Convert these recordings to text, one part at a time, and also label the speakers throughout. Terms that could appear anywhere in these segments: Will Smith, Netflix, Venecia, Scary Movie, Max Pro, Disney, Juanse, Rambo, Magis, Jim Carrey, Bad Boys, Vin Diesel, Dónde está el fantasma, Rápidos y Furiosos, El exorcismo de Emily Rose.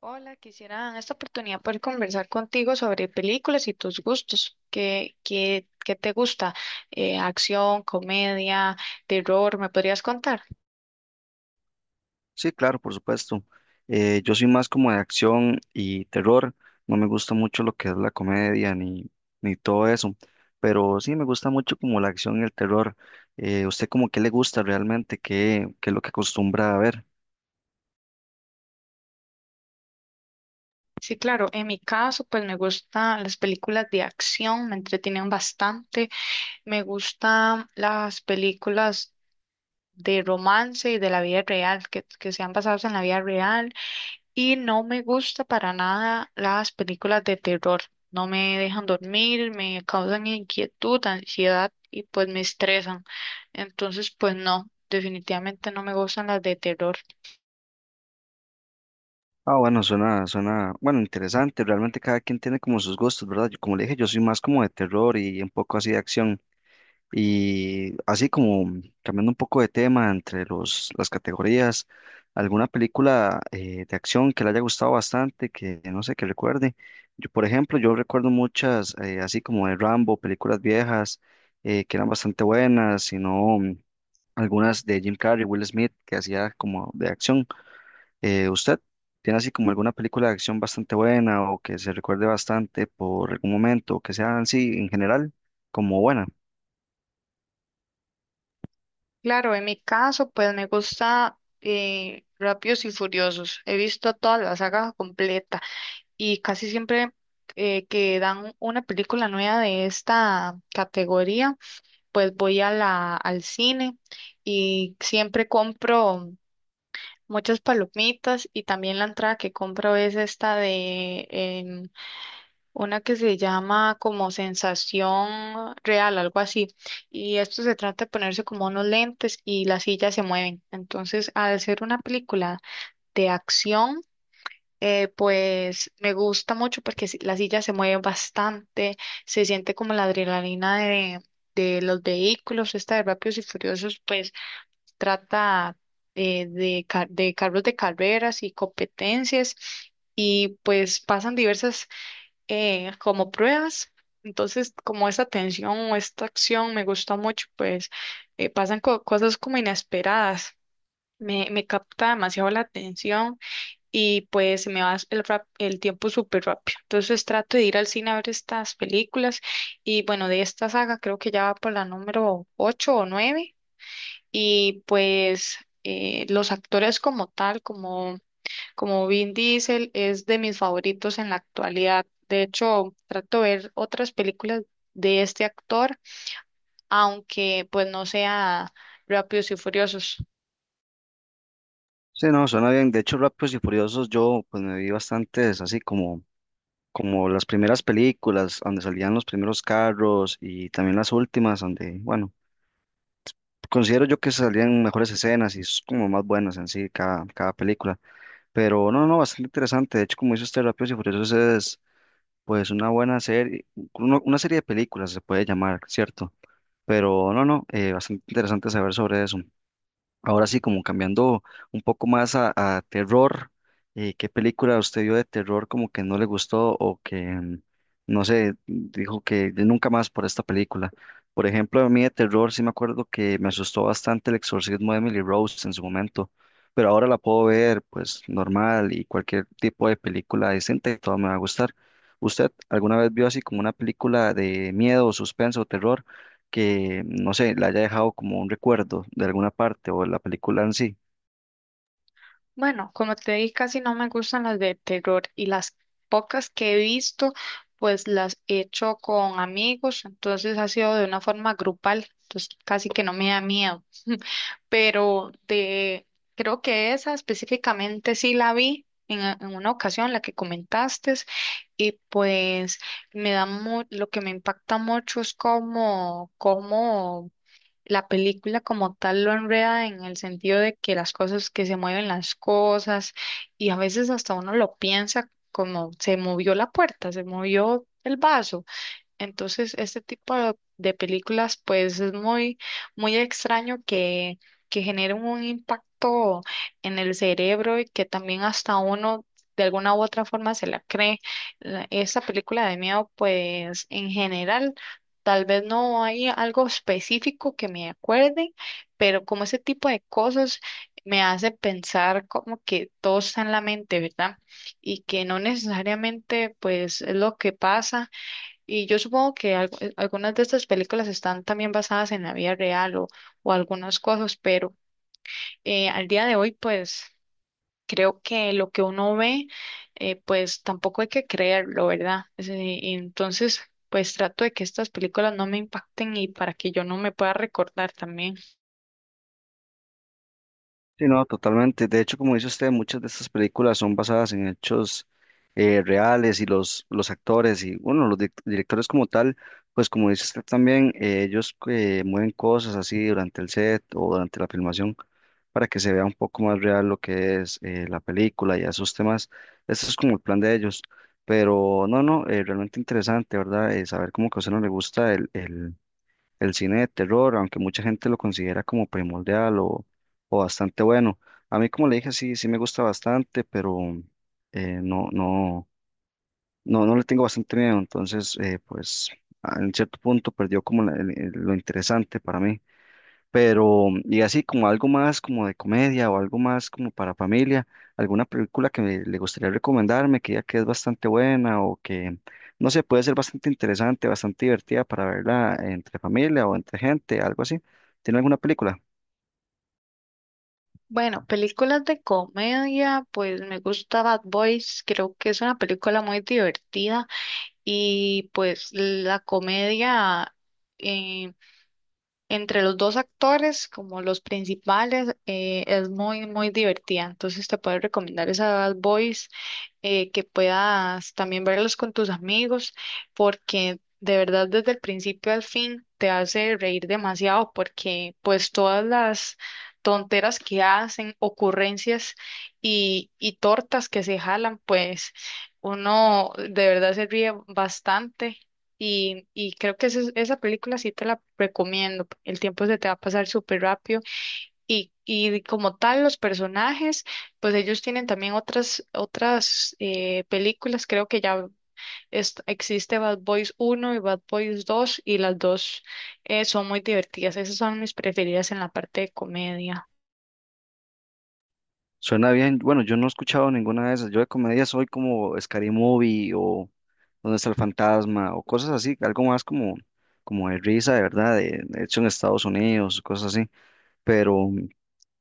Speaker 1: Hola, quisiera en esta oportunidad poder conversar contigo sobre películas y tus gustos. ¿Qué te gusta? Acción, comedia, terror, ¿me podrías contar?
Speaker 2: Sí, claro, por supuesto. Yo soy más como de acción y terror. No me gusta mucho lo que es la comedia ni todo eso. Pero sí me gusta mucho como la acción y el terror. ¿Usted como qué le gusta realmente? ¿Qué es lo que acostumbra a ver?
Speaker 1: Sí, claro, en mi caso, pues me gustan las películas de acción, me entretienen bastante. Me gustan las películas de romance y de la vida real, que sean basadas en la vida real. Y no me gusta para nada las películas de terror. No me dejan dormir, me causan inquietud, ansiedad y pues me estresan. Entonces, pues no, definitivamente no me gustan las de terror.
Speaker 2: Ah, bueno, interesante. Realmente cada quien tiene como sus gustos, ¿verdad? Yo, como le dije, yo soy más como de terror y un poco así de acción. Y así como cambiando un poco de tema entre las categorías, alguna película de acción que le haya gustado bastante, que no sé, que recuerde. Yo, por ejemplo, yo recuerdo muchas, así como de Rambo, películas viejas que eran bastante buenas, sino algunas de Jim Carrey, Will Smith, que hacía como de acción. ¿Usted tiene así como alguna película de acción bastante buena o que se recuerde bastante por algún momento, que sean así en general como buenas?
Speaker 1: Claro, en mi caso, pues me gusta Rápidos y Furiosos. He visto toda la saga completa y casi siempre que dan una película nueva de esta categoría, pues voy a al cine y siempre compro muchas palomitas, y también la entrada que compro es esta de una que se llama como sensación real, algo así. Y esto se trata de ponerse como unos lentes y las sillas se mueven. Entonces, al ser una película de acción, pues me gusta mucho porque las sillas se mueven bastante, se siente como la adrenalina de los vehículos. Esta de Rápidos y Furiosos, pues trata de carros de carreras y competencias, y pues pasan diversas como pruebas. Entonces, como esta tensión o esta acción me gusta mucho, pues pasan cosas como inesperadas. Me capta demasiado la atención, y pues se me va el tiempo súper rápido. Entonces trato de ir al cine a ver estas películas, y bueno, de esta saga creo que ya va por la número 8 o nueve. Y pues los actores como tal, como Vin Diesel, es de mis favoritos en la actualidad. De hecho, trato de ver otras películas de este actor, aunque pues no sea Rápidos y Furiosos.
Speaker 2: Sí, no, suena bien. De hecho, Rápidos y Furiosos, yo pues me vi bastantes, así como, como las primeras películas, donde salían los primeros carros y también las últimas, donde, bueno, considero yo que salían mejores escenas y es como más buenas en sí cada película. Pero no, no, bastante interesante. De hecho, como dice usted, Rápidos y Furiosos es pues una buena serie, una serie de películas se puede llamar, ¿cierto? Pero no, no, bastante interesante saber sobre eso. Ahora sí, como cambiando un poco más a terror, ¿qué película usted vio de terror como que no le gustó o que, no sé, dijo que de nunca más por esta película? Por ejemplo, a mí de terror sí me acuerdo que me asustó bastante El exorcismo de Emily Rose en su momento, pero ahora la puedo ver pues normal y cualquier tipo de película decente, todo me va a gustar. ¿Usted alguna vez vio así como una película de miedo, suspenso o terror, que, no sé, le haya dejado como un recuerdo de alguna parte o de la película en sí?
Speaker 1: Bueno, como te dije, casi no me gustan las de terror, y las pocas que he visto, pues las he hecho con amigos, entonces ha sido de una forma grupal, entonces casi que no me da miedo. Pero de, creo que esa específicamente sí la vi en una ocasión, la que comentaste, y pues lo que me impacta mucho es cómo la película como tal lo enreda, en el sentido de que las cosas, que se mueven las cosas, y a veces hasta uno lo piensa: como se movió la puerta, se movió el vaso. Entonces, este tipo de películas, pues es muy, muy extraño que generen un impacto en el cerebro, y que también hasta uno de alguna u otra forma se la cree. Esta película de miedo, pues en general, tal vez no hay algo específico que me acuerde, pero como ese tipo de cosas me hace pensar como que todo está en la mente, ¿verdad? Y que no necesariamente, pues, es lo que pasa. Y yo supongo que algunas de estas películas están también basadas en la vida real o algunas cosas, pero al día de hoy, pues creo que lo que uno ve, pues tampoco hay que creerlo, ¿verdad? Y entonces, pues trato de que estas películas no me impacten, y para que yo no me pueda recordar también.
Speaker 2: Sí, no, totalmente. De hecho, como dice usted, muchas de estas películas son basadas en hechos reales y los actores y, bueno, los directores como tal, pues como dice usted también, ellos mueven cosas así durante el set o durante la filmación para que se vea un poco más real lo que es la película y esos temas. Ese es como el plan de ellos. Pero no, no, realmente interesante, ¿verdad? Saber cómo que a usted no le gusta el cine de terror, aunque mucha gente lo considera como primordial o bastante bueno. A mí, como le dije, sí, sí me gusta bastante, pero eh, no, no, no le tengo bastante miedo. Entonces, pues, en cierto punto perdió como lo interesante para mí. Pero, y así como algo más como de comedia o algo más como para familia, alguna película le gustaría recomendarme, que ya que es bastante buena o que, no sé, puede ser bastante interesante, bastante divertida para verla entre familia o entre gente, algo así. ¿Tiene alguna película?
Speaker 1: Bueno, películas de comedia, pues me gusta Bad Boys, creo que es una película muy divertida. Y pues la comedia eh, entre los dos actores, como los principales, es muy, muy divertida. Entonces te puedo recomendar esa, Bad Boys, que puedas también verlos con tus amigos, porque de verdad desde el principio al fin te hace reír demasiado, porque pues todas las tonteras que hacen, ocurrencias y tortas que se jalan, pues uno de verdad se ríe bastante. Y creo que esa película sí te la recomiendo. El tiempo se te va a pasar súper rápido. Y como tal, los personajes, pues ellos tienen también otras películas. Creo que ya existe Bad Boys uno y Bad Boys dos, y las dos son muy divertidas. Esas son mis preferidas en la parte de comedia.
Speaker 2: Suena bien. Bueno, yo no he escuchado ninguna de esas. Yo de comedia soy como Scary Movie o Dónde está el fantasma o cosas así, algo más como, como de risa, de verdad, de hecho en Estados Unidos, cosas así. Pero.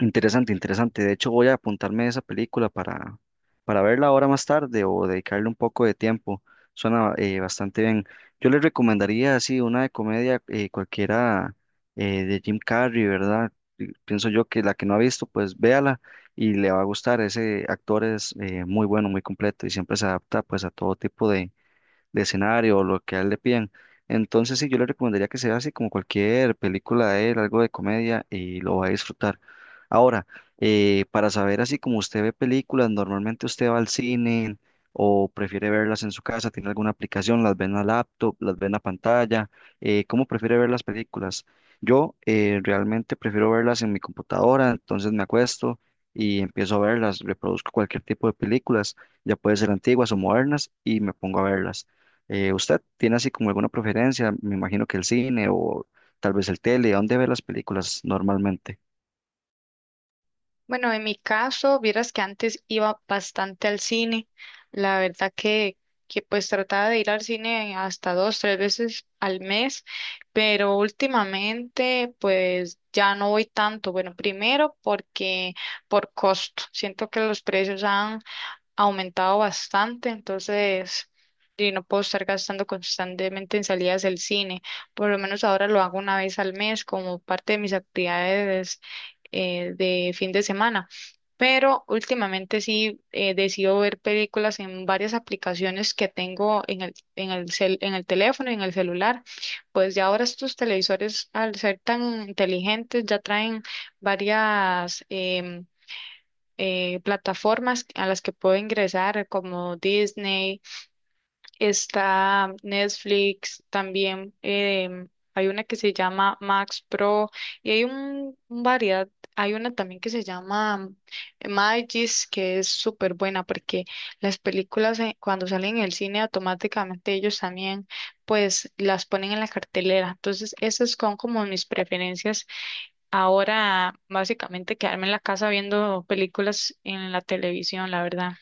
Speaker 2: Interesante, interesante. De hecho, voy a apuntarme esa película para verla ahora más tarde o dedicarle un poco de tiempo. Suena bastante bien. Yo les recomendaría así una de comedia cualquiera de Jim Carrey, ¿verdad? Y pienso yo que la que no ha visto, pues véala y le va a gustar. Ese actor es muy bueno, muy completo y siempre se adapta pues a todo tipo de escenario o lo que a él le piden. Entonces, sí, yo le recomendaría que sea así como cualquier película de él, algo de comedia y lo va a disfrutar. Ahora, para saber así como usted ve películas, normalmente usted va al cine o prefiere verlas en su casa, tiene alguna aplicación, las ve en la laptop, las ve en la pantalla, ¿cómo prefiere ver las películas? Yo realmente prefiero verlas en mi computadora, entonces me acuesto y empiezo a verlas, reproduzco cualquier tipo de películas, ya puede ser antiguas o modernas y me pongo a verlas. ¿Usted tiene así como alguna preferencia? Me imagino que el cine o tal vez el tele, ¿a ¿dónde ve las películas normalmente?
Speaker 1: Bueno, en mi caso, vieras que antes iba bastante al cine. La verdad que pues trataba de ir al cine hasta dos, tres veces al mes, pero últimamente pues ya no voy tanto. Bueno, primero porque por costo. Siento que los precios han aumentado bastante, entonces, y no puedo estar gastando constantemente en salidas del cine. Por lo menos ahora lo hago una vez al mes como parte de mis actividades de fin de semana. Pero últimamente sí decido ver películas en varias aplicaciones que tengo en el teléfono y en el celular. Pues ya ahora estos televisores, al ser tan inteligentes, ya traen varias plataformas a las que puedo ingresar, como Disney, está Netflix, también hay una que se llama Max Pro, y hay un variedad, hay una también que se llama Magis, que es súper buena porque las películas cuando salen en el cine automáticamente ellos también pues las ponen en la cartelera. Entonces, esas son como mis preferencias. Ahora, básicamente, quedarme en la casa viendo películas en la televisión, la verdad.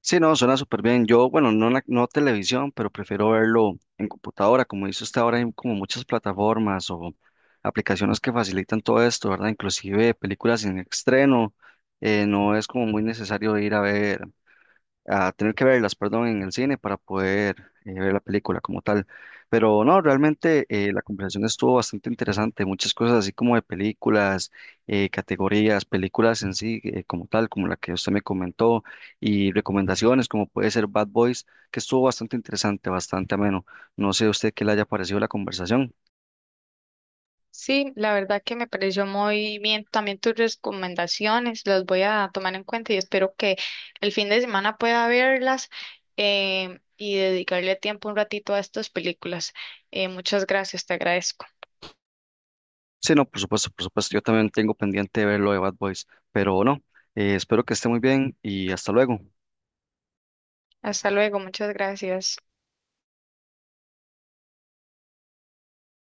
Speaker 2: Sí, no, suena súper bien. Yo, bueno, no, no televisión, pero prefiero verlo en computadora. Como dice usted, ahora hay como muchas plataformas o aplicaciones que facilitan todo esto, ¿verdad? Inclusive películas en estreno. No es como muy necesario ir a ver a tener que verlas, perdón, en el cine para poder ver la película como tal. Pero no, realmente la conversación estuvo bastante interesante, muchas cosas así como de películas, categorías, películas en sí como tal, como la que usted me comentó, y recomendaciones como puede ser Bad Boys, que estuvo bastante interesante, bastante ameno. No sé a usted qué le haya parecido la conversación.
Speaker 1: Sí, la verdad que me pareció muy bien también tus recomendaciones, las voy a tomar en cuenta, y espero que el fin de semana pueda verlas y dedicarle tiempo un ratito a estas películas. Muchas gracias, te agradezco.
Speaker 2: Sí, no, por supuesto, yo también tengo pendiente de ver lo de Bad Boys, pero no, espero que esté muy bien y hasta luego.
Speaker 1: Hasta luego, muchas gracias.